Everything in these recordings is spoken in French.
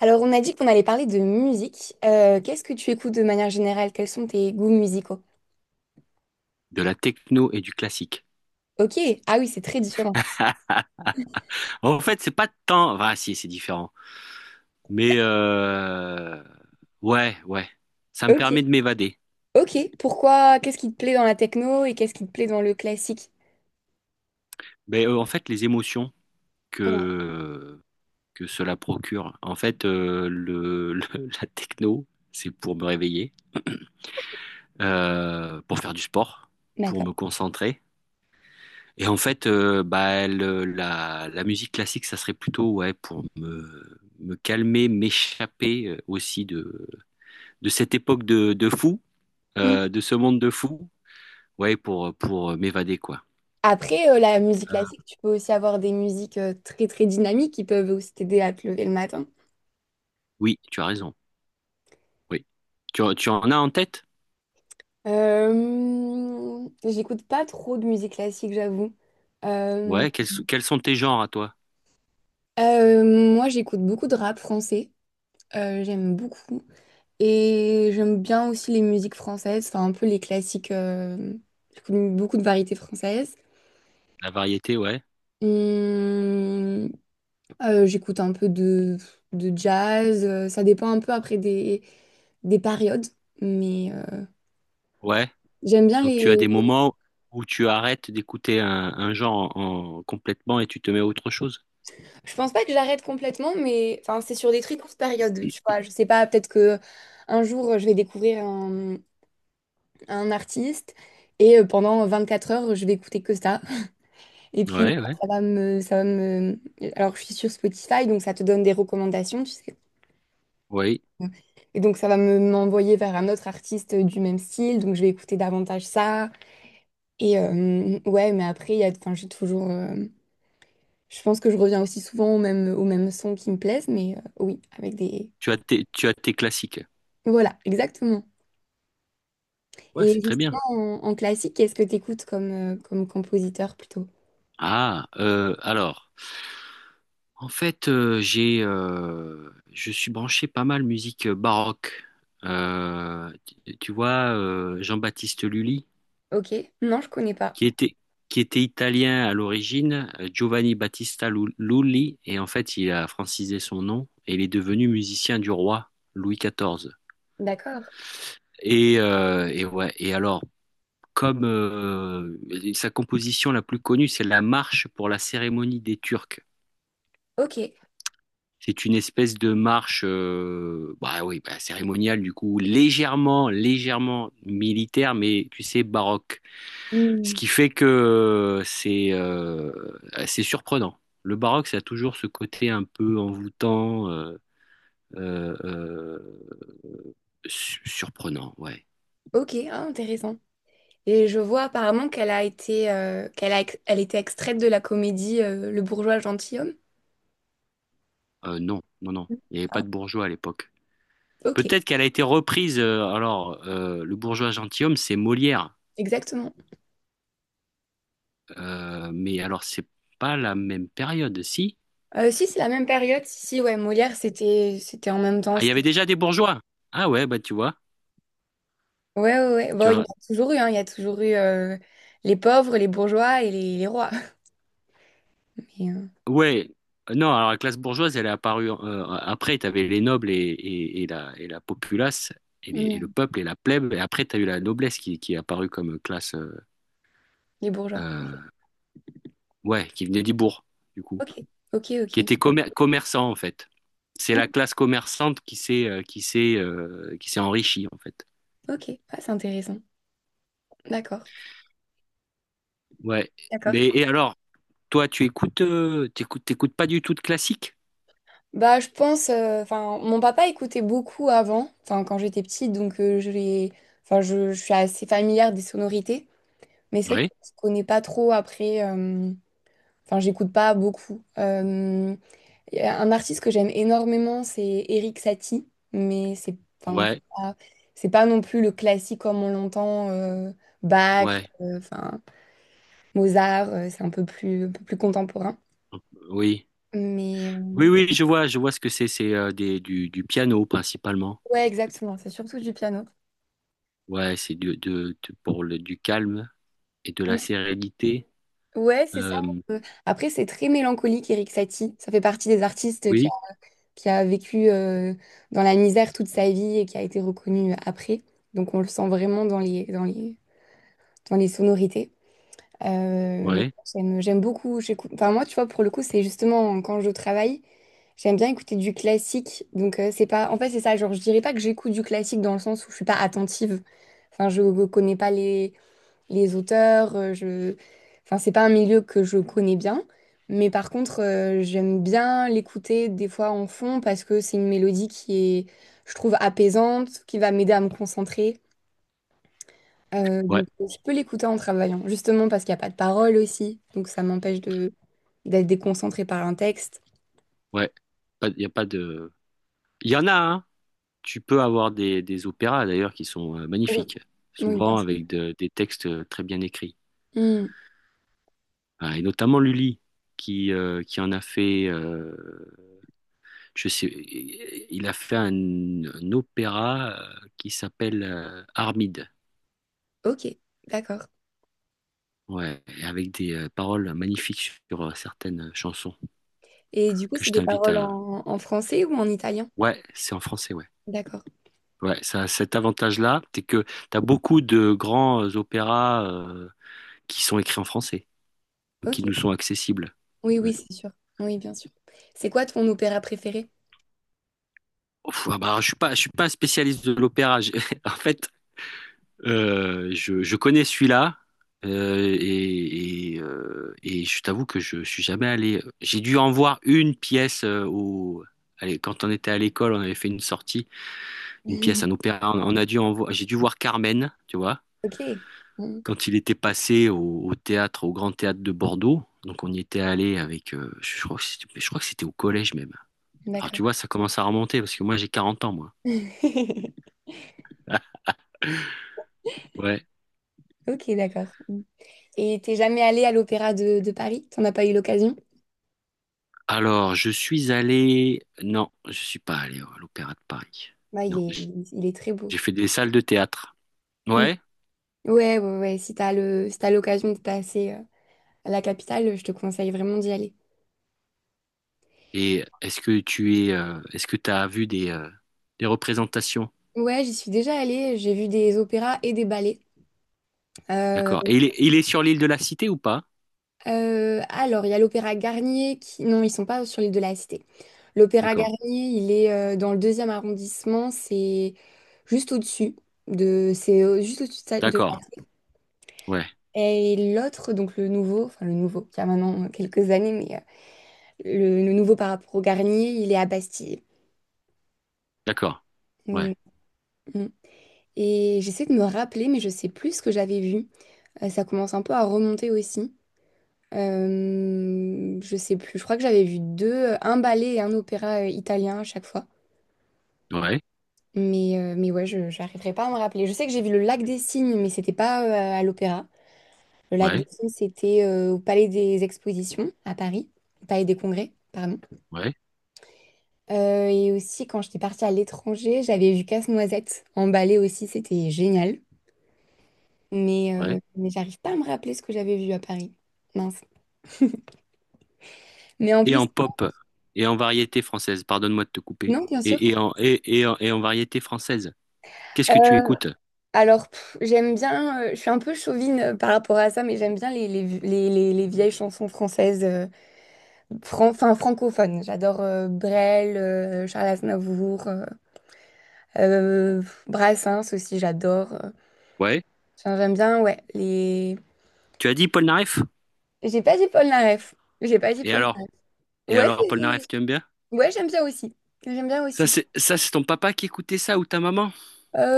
Alors, on a dit qu'on allait parler de musique. Qu'est-ce que tu écoutes de manière générale? Quels sont tes goûts musicaux? De la techno et du classique. Ok, ah oui, c'est très différent. En fait, c'est pas tant. Ah, si, c'est différent. Mais euh, ouais, ouais. Ça me Ok, permet de m'évader. ok. Pourquoi? Qu'est-ce qui te plaît dans la techno et qu'est-ce qui te plaît dans le classique? En fait, les émotions Ouais, que que cela procure. En fait, la techno, c'est pour me réveiller, pour faire du sport, pour d'accord. me concentrer. Et en fait, la musique classique, ça serait plutôt ouais, pour me calmer, m'échapper aussi de cette époque de fou. Mm. De ce monde de fous, ouais, pour, pour m'évader, quoi. Après, la musique classique, tu peux aussi avoir des musiques très très dynamiques qui peuvent aussi t'aider à te lever le matin. Oui, tu as raison. Oui. Tu en as en tête? J'écoute pas trop de musique classique, j'avoue. Euh, Ouais, quels sont tes genres à toi? Moi, j'écoute beaucoup de rap français. J'aime beaucoup. Et j'aime bien aussi les musiques françaises, enfin un peu les classiques, j'écoute beaucoup de variétés françaises. La variété, ouais. Hum, j'écoute un peu de jazz, ça dépend un peu après des périodes, mais Ouais. j'aime bien Donc tu as les... des moments où tu arrêtes d'écouter un genre complètement et tu te mets à autre chose. Je pense pas que j'arrête complètement, mais enfin c'est sur des très courtes périodes, tu vois. Je sais pas, peut-être que un jour je vais découvrir un artiste et pendant quatre heures je vais écouter que ça. Et puis, Ouais, ouais. Ça va me... Alors, je suis sur Spotify, donc ça te donne des recommandations, tu sais. Oui. Et donc, ça va me m'envoyer vers un autre artiste du même style, donc je vais écouter davantage ça. Et ouais, mais après, il y a, enfin, j'ai toujours... je pense que je reviens aussi souvent aux mêmes sons qui me plaisent, mais oui, avec des... Tu as tes classiques. Voilà, exactement. Ouais, Et c'est très bien. justement, en, en classique, qu'est-ce que tu écoutes comme, comme compositeur plutôt? Alors, en fait, je suis branché pas mal musique baroque. Euh, tu vois, Jean-Baptiste Lully, Ok, non, je connais pas. qui était, qui était italien à l'origine, Giovanni Lully, et en fait, il a francisé son nom et il est devenu musicien du roi Louis XIV. D'accord. Et ouais, et alors, comme sa composition la plus connue, c'est la marche pour la cérémonie des Turcs. Ok. C'est une espèce de marche, bah oui, bah, cérémoniale du coup, légèrement militaire, mais tu sais, baroque. Ce Hmm. qui fait que c'est surprenant. Le baroque, ça a toujours ce côté un peu envoûtant, euh, euh, surprenant, ouais. Ok, ah, intéressant. Et je vois apparemment qu'elle a été, qu'elle a, elle était extraite de la comédie Le bourgeois gentilhomme. Non, non, non, il n'y avait pas Ah, de bourgeois à l'époque. ok, Peut-être qu'elle a été reprise, le bourgeois gentilhomme, c'est Molière. exactement. Mais alors, c'est pas la même période, si? Si, c'est la même période. Si, si, ouais, Molière, c'était, c'était en même Ah, temps. il y avait déjà des bourgeois. Ah ouais, bah tu vois, Ouais, ouais, ouais. tu Bon, il y en vois. a toujours eu, hein. Il y a toujours eu les pauvres, les bourgeois et les rois. Mais, euh, Ouais. Non, alors la classe bourgeoise, elle est apparue après. Tu avais les nobles et la populace, et le mm, peuple et la plèbe. Et après, tu as eu la noblesse qui est apparue comme classe, les bourgeois. euh, ouais, qui venait des bourgs, du coup, Ok, ok, qui ok. était commerçant en fait. C'est la Mm, classe commerçante qui s'est qui s'est qui s'est enrichie en fait. ok, ah, c'est intéressant. D'accord. Ouais. D'accord. Mais et alors, toi, t'écoutes pas du tout de classique? Bah, je pense, enfin, mon papa écoutait beaucoup avant, enfin, quand j'étais petite, donc enfin, je suis assez familière des sonorités, mais c'est vrai que Oui. je connais pas trop après, enfin, j'écoute pas beaucoup. Y a un artiste que j'aime énormément, c'est Eric Satie, mais c'est, enfin, Ouais, c'est pas non plus le classique comme on l'entend, Bach, ouais, enfin, Mozart, c'est un peu plus contemporain. oui. Mais Oui, oui, je vois ce que c'est. C'est du piano principalement. ouais, exactement, c'est surtout du piano. Ouais, c'est pour le, du calme et de la sérénité. Ouais, c'est ça. Euh, Euh, après, c'est très mélancolique, Eric Satie. Ça fait partie des artistes oui, qui a vécu dans la misère toute sa vie et qui a été reconnu après. Donc, on le sent vraiment dans les, dans les, dans les sonorités. Mais ouais, j'aime, j'aime beaucoup. Enfin, moi, tu vois, pour le coup, c'est justement quand je travaille, j'aime bien écouter du classique. Donc, c'est pas... En fait, c'est ça. Genre, je dirais pas que j'écoute du classique dans le sens où je suis pas attentive. Enfin, je connais pas les, les auteurs. Je... Enfin, c'est pas un milieu que je connais bien, mais par contre, j'aime bien l'écouter des fois en fond parce que c'est une mélodie qui est, je trouve, apaisante, qui va m'aider à me concentrer. Ouais, Donc, je peux l'écouter en travaillant, justement parce qu'il n'y a pas de parole aussi, donc ça m'empêche de d'être déconcentrée par un texte. ouais. Il y a pas de. Il y en a, hein. Tu peux avoir des opéras d'ailleurs qui sont Oui, magnifiques, oui, bien souvent sûr. avec des textes très bien écrits. Hmm, Ah, et notamment Lully, qui en a fait. Je sais, il a fait un opéra qui s'appelle Armide. ok, d'accord. Ouais, et avec des paroles magnifiques sur certaines chansons Et du coup, que c'est je des t'invite paroles à... en, en français ou en italien? Ouais, c'est en français, ouais. D'accord. Ouais, ça a cet avantage-là, c'est que t'as beaucoup de grands opéras qui sont écrits en français, ou qui Ok. nous sont accessibles. Oui, oui, Ouais. c'est sûr. Oui, bien sûr. C'est quoi ton opéra préféré? Ouf, ah bah, je suis pas spécialiste de l'opéra. En fait, je connais celui-là, et je t'avoue que je suis jamais allé... J'ai dû en voir une pièce au... Allez, quand on était à l'école, on avait fait une sortie. Une pièce, Mhm. un opéra. On a j'ai dû voir Carmen, tu vois, Ok. Mm. quand il était passé au, au théâtre, au Grand Théâtre de Bordeaux. Donc on y était allé avec, je crois que c'était au collège même. Alors D'accord. tu vois, ça commence à remonter parce que moi j'ai 40 ans, moi. Ouais. Ok, d'accord. Mm. Et t'es jamais allé à l'Opéra de Paris? T'en as pas eu l'occasion? Alors je suis allé, non, je suis pas allé à l'Opéra de Paris. Bah, Non, il est très beau. j'ai fait des salles de théâtre. Mm. Ouais. Ouais, ouais, ouais. Si t'as le, si t'as l'occasion de passer à la capitale, je te conseille vraiment d'y aller. Et est-ce que tu es, est-ce que tu as vu des représentations? Ouais, j'y suis déjà allée. J'ai vu des opéras et des ballets. Euh, D'accord. Et il est sur l'île de la Cité ou pas? Alors, il y a l'Opéra Garnier qui... Non, ils sont pas sur l'île de la Cité. L'Opéra D'accord. Garnier, il est dans le deuxième arrondissement, c'est juste au-dessus de... C'est juste au-dessus de... de D'accord. ça. Ouais. Et l'autre, donc le nouveau, enfin le nouveau, qui a maintenant quelques années, mais le nouveau par rapport au Garnier, il est à Bastille. D'accord. Ouais. Mm, mm. Et j'essaie de me rappeler, mais je sais plus ce que j'avais vu. Ça commence un peu à remonter aussi. Je sais plus, je crois que j'avais vu deux, un ballet et un opéra italien à chaque fois. Ouais. Mais ouais, je j'arriverai pas à me rappeler. Je sais que j'ai vu le Lac des Cygnes, mais c'était pas à l'opéra. Le Lac des Ouais. Cygnes, c'était au Palais des Expositions à Paris, au Palais des Congrès, pardon. Ouais. Et aussi, quand j'étais partie à l'étranger, j'avais vu Casse-Noisette en ballet aussi, c'était génial. Ouais. Mais j'arrive pas à me rappeler ce que j'avais vu à Paris. Mince. Mais en Et plus, en pop et en variété française. Pardonne-moi de te couper. non, bien sûr. Et en variété française. Qu'est-ce Euh, que tu écoutes? Alors, pff, j'aime bien, je suis un peu chauvine par rapport à ça, mais j'aime bien les, les vieilles chansons françaises, enfin francophones. J'adore Brel, Charles Aznavour, euh, Brassens aussi, j'adore. Ouais. Enfin, j'aime bien, ouais, les... Tu as dit Paul Naref? J'ai pas dit Paul Naref. J'ai pas dit Et Paul alors? Naref. Et Ouais, alors, Paul Naref, tu aimes bien? ouais, j'aime bien aussi. J'aime bien Ça, aussi. c'est ça, c'est ton papa qui écoutait ça ou ta maman?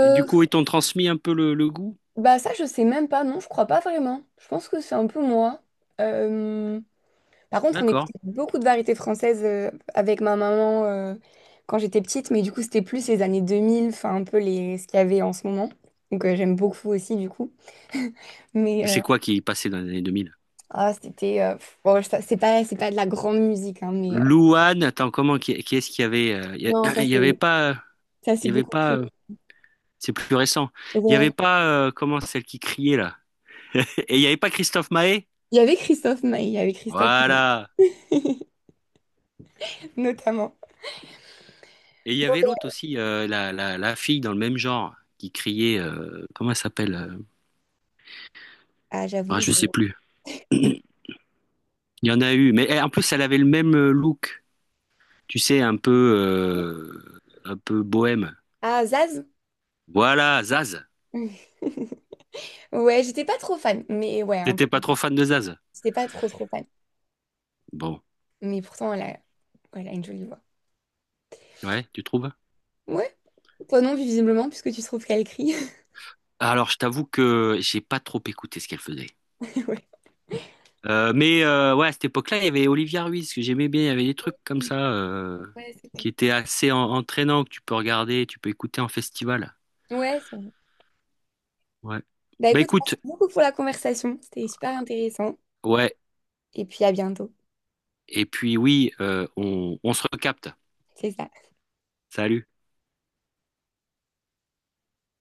Et du coup, ils t'ont transmis un peu le goût? bah ça, je sais même pas, non, je crois pas vraiment. Je pense que c'est un peu moi. Euh, Par contre, on D'accord. écoutait beaucoup de variétés françaises avec ma maman quand j'étais petite, mais du coup, c'était plus les années 2000, enfin un peu les... ce qu'il y avait en ce moment. Donc j'aime beaucoup aussi du coup. Mais Mais euh, c'est quoi qui passait dans les années 2000? ah, c'était... pff, bon, c'est pas de la grande musique, hein, mais... Louane, attends, comment, qui est-ce qu'il y avait? Il non, il y avait pas, ça c'est il y avait beaucoup plus... pas, c'est plus récent. Il y Ouais. avait pas, comment, celle qui criait là? Et il n'y avait pas Christophe Maé? Il y avait Christophe Maé, il y avait Christophe Maé, Voilà. notamment. Et il y avait l'autre aussi, la fille dans le même genre, qui criait, comment elle s'appelle? Ah, Ah, j'avoue, je... je sais plus. Il y en a eu, mais en plus, elle avait le même look, tu sais, un peu bohème. Ah, Zaz? Voilà, Zaz. Ouais, j'étais pas trop fan, mais ouais, un T'étais peu. pas trop fan de Zaz? J'étais pas trop trop fan. Bon, Mais pourtant, elle a, elle a une jolie voix. ouais, tu trouves? Ouais, toi non, visiblement, puisque tu trouves qu'elle crie. Alors, je t'avoue que j'ai pas trop écouté ce qu'elle faisait. Ouais. Ouais, à cette époque-là, il y avait Olivia Ruiz que j'aimais bien. Il y avait des trucs comme ça Ouais, c'est vrai. qui étaient assez entraînants que tu peux regarder, tu peux écouter en festival. Ouais, c'est vrai. Ouais. Bah Bah écoute, merci écoute, beaucoup pour la conversation. C'était super intéressant. ouais. Et puis à bientôt. Et puis oui, on se recapte. C'est ça. Salut.